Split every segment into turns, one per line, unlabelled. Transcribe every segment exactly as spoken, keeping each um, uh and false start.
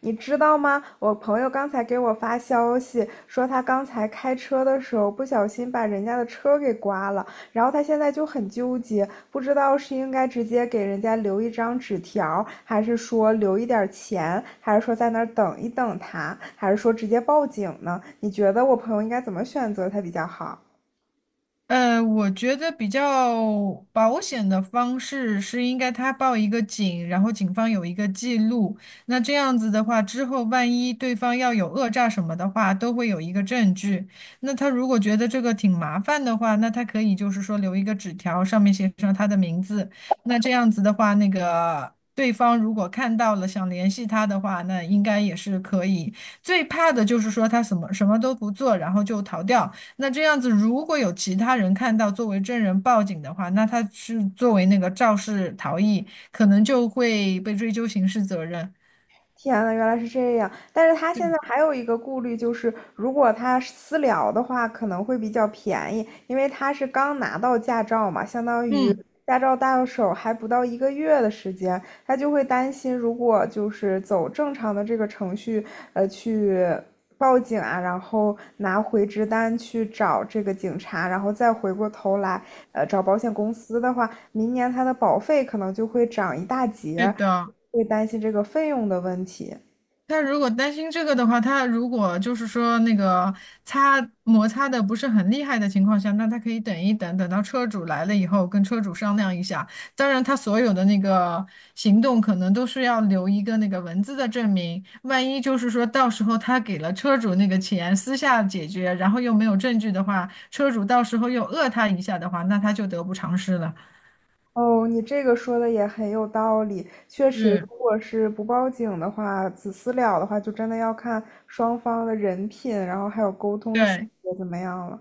你知道吗？我朋友刚才给我发消息说，他刚才开车的时候不小心把人家的车给刮了，然后他现在就很纠结，不知道是应该直接给人家留一张纸条，还是说留一点钱，还是说在那儿等一等他，还是说直接报警呢？你觉得我朋友应该怎么选择才比较好？
呃，我觉得比较保险的方式是应该他报一个警，然后警方有一个记录。那这样子的话，之后万一对方要有讹诈什么的话，都会有一个证据。那他如果觉得这个挺麻烦的话，那他可以就是说留一个纸条，上面写上他的名字。那这样子的话，那个对方如果看到了想联系他的话，那应该也是可以。最怕的就是说他什么什么都不做，然后就逃掉。那这样子，如果有其他人看到作为证人报警的话，那他是作为那个肇事逃逸，可能就会被追究刑事责任。
天呐，原来是这样！但是他
对，
现在还有一个顾虑，就是如果他私聊的话，可能会比较便宜，因为他是刚拿到驾照嘛，相当于
嗯，
驾照到手还不到一个月的时间，他就会担心，如果就是走正常的这个程序，呃，去报警啊，然后拿回执单去找这个警察，然后再回过头来，呃，找保险公司的话，明年他的保费可能就会涨一大
对
截，
的。
会担心这个费用的问题。
他如果担心这个的话，他如果就是说那个擦摩擦的不是很厉害的情况下，那他可以等一等，等到车主来了以后跟车主商量一下。当然，他所有的那个行动可能都是要留一个那个文字的证明，万一就是说到时候他给了车主那个钱，私下解决，然后又没有证据的话，车主到时候又讹他一下的话，那他就得不偿失了。
哦，你这个说的也很有道理。确实，如
嗯，
果是不报警的话，子私了的话，就真的要看双方的人品，然后还有沟通的细
对。
节怎么样了。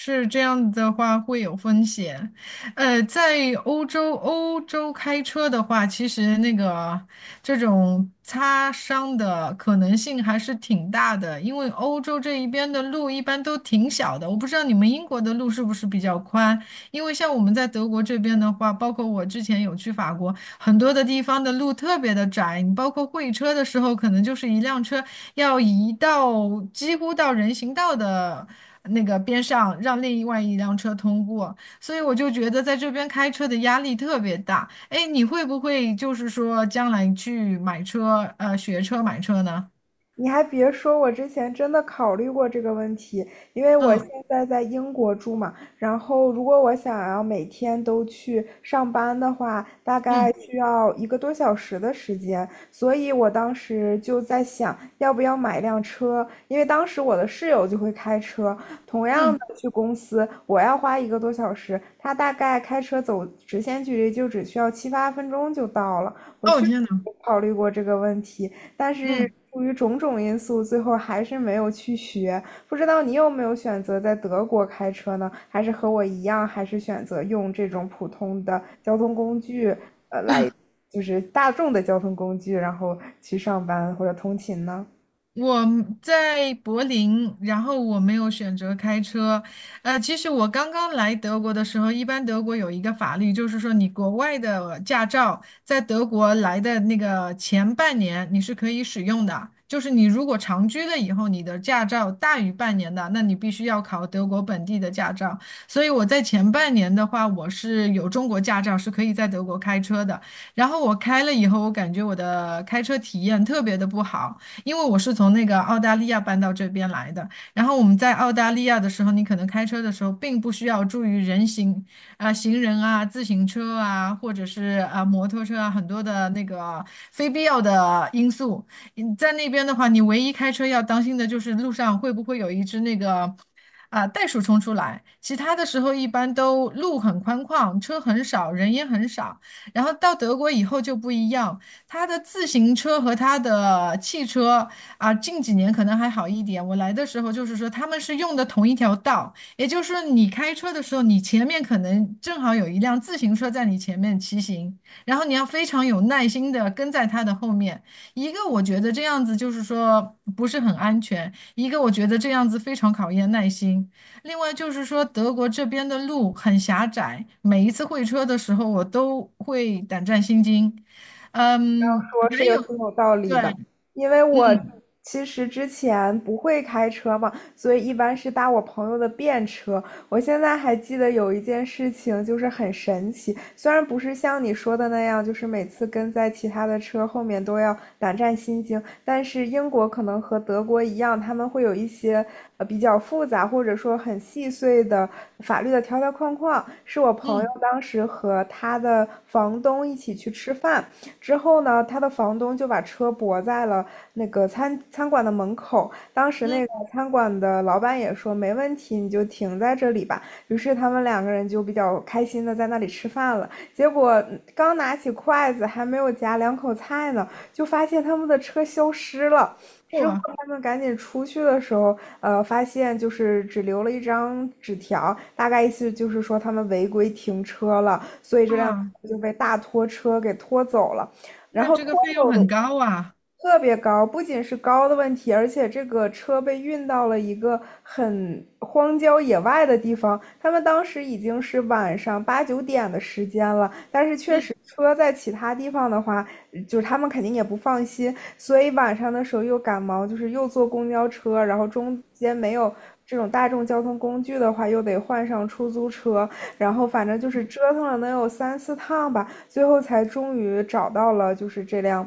是这样子的话会有风险，呃，在欧洲欧洲开车的话，其实那个这种擦伤的可能性还是挺大的，因为欧洲这一边的路一般都挺小的，我不知道你们英国的路是不是比较宽，因为像我们在德国这边的话，包括我之前有去法国，很多的地方的路特别的窄，你包括会车的时候，可能就是一辆车要移到几乎到人行道的。那个边上让另外一辆车通过，所以我就觉得在这边开车的压力特别大。哎，你会不会就是说将来去买车，呃，学车买车呢？
你还别说，我之前真的考虑过这个问题，因为我现
嗯
在在英国住嘛，然后如果我想要每天都去上班的话，大概
嗯
需要一个多小时的时间，所以我当时就在想，要不要买一辆车，因为当时我的室友就会开车，同样
嗯，
的去公司，我要花一个多小时，他大概开车走直线距离就只需要七八分钟就到了，
哦天呐，
考虑过这个问题，但是
嗯。
出于种种因素，最后还是没有去学。不知道你有没有选择在德国开车呢？还是和我一样，还是选择用这种普通的交通工具，就是大众的交通工具，然后去上班或者通勤呢？
我在柏林，然后我没有选择开车。呃，其实我刚刚来德国的时候，一般德国有一个法律，就是说你国外的驾照在德国来的那个前半年你是可以使用的，就是你如果长居了以后，你的驾照大于半年的，那你必须要考德国本地的驾照。所以我在前半年的话，我是有中国驾照，是可以在德国开车的。然后我开了以后，我感觉我的开车体验特别的不好。因为我是从那个澳大利亚搬到这边来的。然后我们在澳大利亚的时候，你可能开车的时候并不需要注意人行啊、行人啊、自行车啊，或者是啊、摩托车啊，很多的那个非必要的因素。嗯在那边的话，你唯一开车要当心的就是路上会不会有一只那个。啊，袋鼠冲出来，其他的时候一般都路很宽旷，车很少，人也很少。然后到德国以后就不一样，他的自行车和他的汽车啊，近几年可能还好一点。我来的时候就是说，他们是用的同一条道，也就是说，你开车的时候，你前面可能正好有一辆自行车在你前面骑行，然后你要非常有耐心的跟在他的后面。一个我觉得这样子就是说不是很安全，一个我觉得这样子非常考验耐心。另外就是说，德国这边的路很狭窄，每一次会车的时候，我都会胆战心惊，嗯，
说是
还
有
有
挺有道理
对，
的，因为我
嗯
其实之前不会开车嘛，所以一般是搭我朋友的便车。我现在还记得有一件事情，就是很神奇，虽然不是像你说的那样，就是每次跟在其他的车后面都要胆战心惊，但是英国可能和德国一样，他们会有一些呃比较复杂或者说很细碎的法律的条条框框。是我朋友
嗯
当时和他的房东一起去吃饭。之后呢，他的房东就把车泊在了那个餐餐馆的门口。当时
嗯，
那个餐馆的老板也说没问题，你就停在这里吧。于是他们两个人就比较开心的在那里吃饭了。结果刚拿起筷子，还没有夹两口菜呢，就发现他们的车消失了。
不
之后
啊，
他们赶紧出去的时候，呃，发现就是只留了一张纸条，大概意思就是说他们违规停车了，所以这辆
啊
车就被大拖车给拖走了。然
那
后
这个
脱
费用
走
很
的
高啊。
特别高，不仅是高的问题，而且这个车被运到了一个很荒郊野外的地方。他们当时已经是晚上八九点的时间了，但是确
嗯
实车在其他地方的话，就是他们肯定也不放心，所以晚上的时候又赶忙，就是又坐公交车，然后中间没有这种大众交通工具的话，又得换上出租车，然后反正就是折腾了能有三四趟吧。最后才终于找到了，就是这辆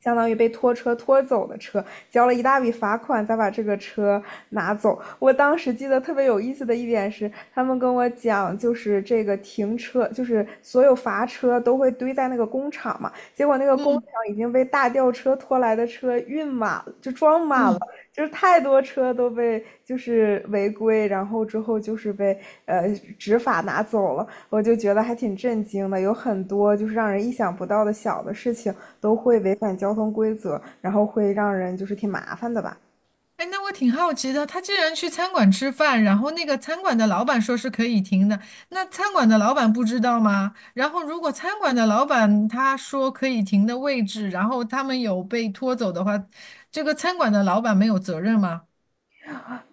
相当于被拖车拖走的车，交了一大笔罚款，才把这个车拿走。我当时记得特别有意思的一点是，他们跟我讲，就是这个停车，就是所有罚车都会堆在那个工厂嘛，结果那个工厂
嗯，
已经被大吊车拖来的车运满，就装满了。就是太多车都被就是违规，然后之后就是被呃执法拿走了。我就觉得还挺震惊的，有很多就是让人意想不到的小的事情都会违反交通规则，然后会让人就是挺麻烦的吧。
哎，那我挺好奇的，他既然去餐馆吃饭，然后那个餐馆的老板说是可以停的，那餐馆的老板不知道吗？然后如果餐馆的老板他说可以停的位置，然后他们有被拖走的话，这个餐馆的老板没有责任吗？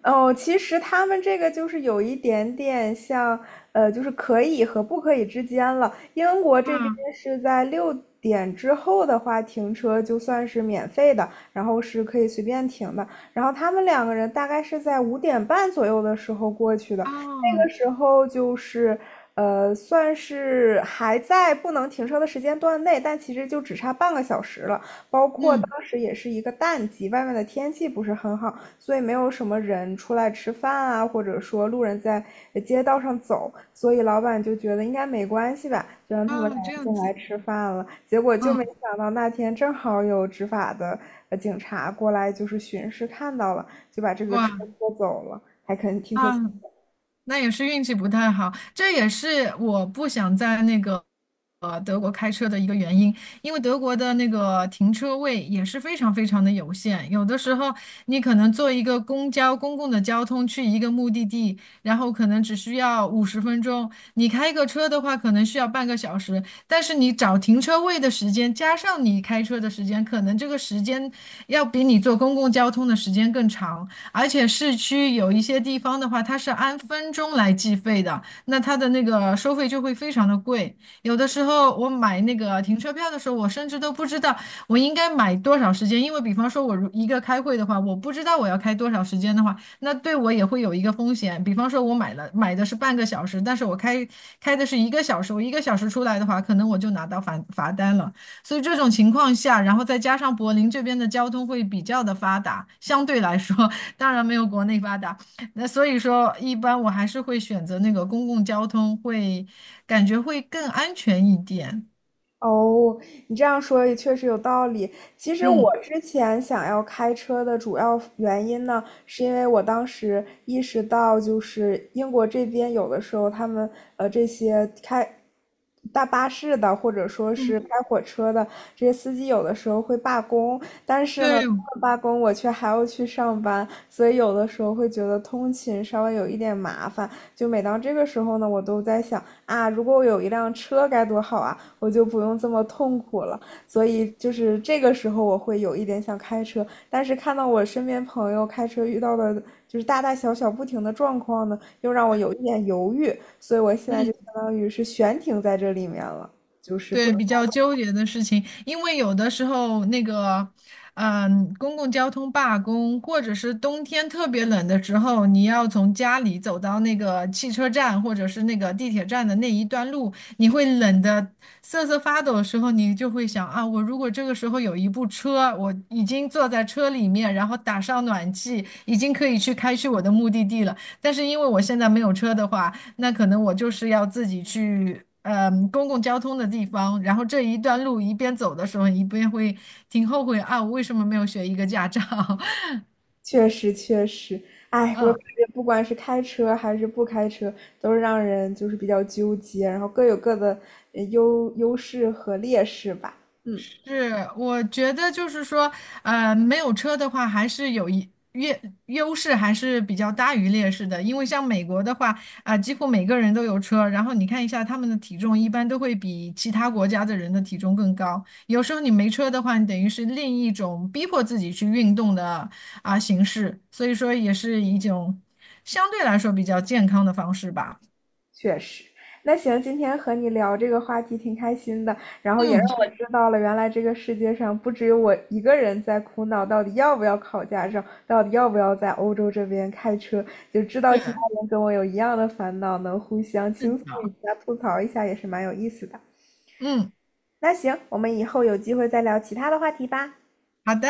哦，其实他们这个就是有一点点像，呃，就是可以和不可以之间了。英国这边
啊
是在六点之后的话，停车就算是免费的，然后是可以随便停的。然后他们两个人大概是在五点半左右的时候过去的，那个
啊，
时候就是，呃，算是还在不能停车的时间段内，但其实就只差半个小时了。包括当
嗯
时也是一个淡季，外面的天气不是很好。所以没有什么人出来吃饭啊，或者说路人在街道上走，所以老板就觉得应该没关系吧，就让他们俩
啊，这
个
样
进来
子，
吃饭了。结果就
嗯，
没想到那天正好有执法的呃警察过来，就是巡视看到了，就把这个车
哇。
拖走了。
啊。那也是运气不太好，这也是我不想在那个呃德国开车的一个原因，因为德国的那个停车位也是非常非常的有限，有的时候你可能坐一个公交公共的交通去一个目的地，然后可能只需要五十分钟，你开个车的话可能需要半个小时，但是你找停车位的时间加上你开车的时间，可能这个时间要比你坐公共交通的时间更长。而且市区有一些地方的话，它是按分钟来计费的，那它的那个收费就会非常的贵。有的时候我买那个停车票的时候，我甚至都不知道我应该买多少时间，因为比方说我如一个开会的话，我不知道我要开多少时间的话，那对我也会有一个风险。比方说我买了买的是半个小时，但是我开开的是一个小时，我一个小时出来的话，可能我就拿到罚罚单了。所以这种情况下，然后再加上柏林这边的交通会比较的发达，相对来说，当然没有国内发达。那所以说，一般我还是会选择那个公共交通，会感觉会更安全一点。
哦，你这样说也确实有道理。其实我
嗯
之前想要开车的主要原因呢，是因为我当时意识到，就是英国这边有的时候他们呃这些开大巴士的，或者说
嗯，
是开火车的这些司机，有的时候会罢工，但是
对，
呢，他们罢工我却还要去上班，所以有的时候会觉得通勤稍微有一点麻烦。就每当这个时候呢，我都在想啊，如果我有一辆车该多好啊，我就不用这么痛苦了。所以就是这个时候，我会有一点想开车，但是看到我身边朋友开车遇到的就是大大小小不停的状况呢，又让我有一点犹豫，所以我现在
嗯
就相当于是悬停在这里面了。
对，比较纠结的事情，因为有的时候那个，嗯，公共交通罢工，或者是冬天特别冷的时候，你要从家里走到那个汽车站或者是那个地铁站的那一段路，你会冷的瑟瑟发抖的时候，你就会想啊，我如果这个时候有一部车，我已经坐在车里面，然后打上暖气，已经可以去开去我的目的地了。但是因为我现在没有车的话。那可能我就是要自己去，嗯，公共交通的地方，然后这一段路一边走的时候，一边会挺后悔啊，我为什么没有学一个驾照？
确实，确实，哎，我
嗯。
感觉不管是开车还是不开车，都是让人就是比较纠结，然后各有各的呃优优势和劣势吧。嗯，
是，我觉得就是说，呃，没有车的话，还是有一优优势，还是比较大于劣势的。因为像美国的话，啊、几乎每个人都有车，然后你看一下他们的体重，一般都会比其他国家的人的体重更高。有时候你没车的话，你等于是另一种逼迫自己去运动的啊、形式，所以说也是一种相对来说比较健康的方式吧。
确实，那行，今天和你聊这个话题挺开心的，然后也让
嗯，
我
是
知道了，原来这个世界上不只有我一个人在苦恼，到底要不要考驾照，到底要不要在欧洲这边开车，就知道
是
其他人跟我有一样的烦恼，能互相倾诉一
的，
下、吐槽一下，也是蛮有意思的。
嗯，
那行，我们以后有机会再聊其他的话题吧。
好的。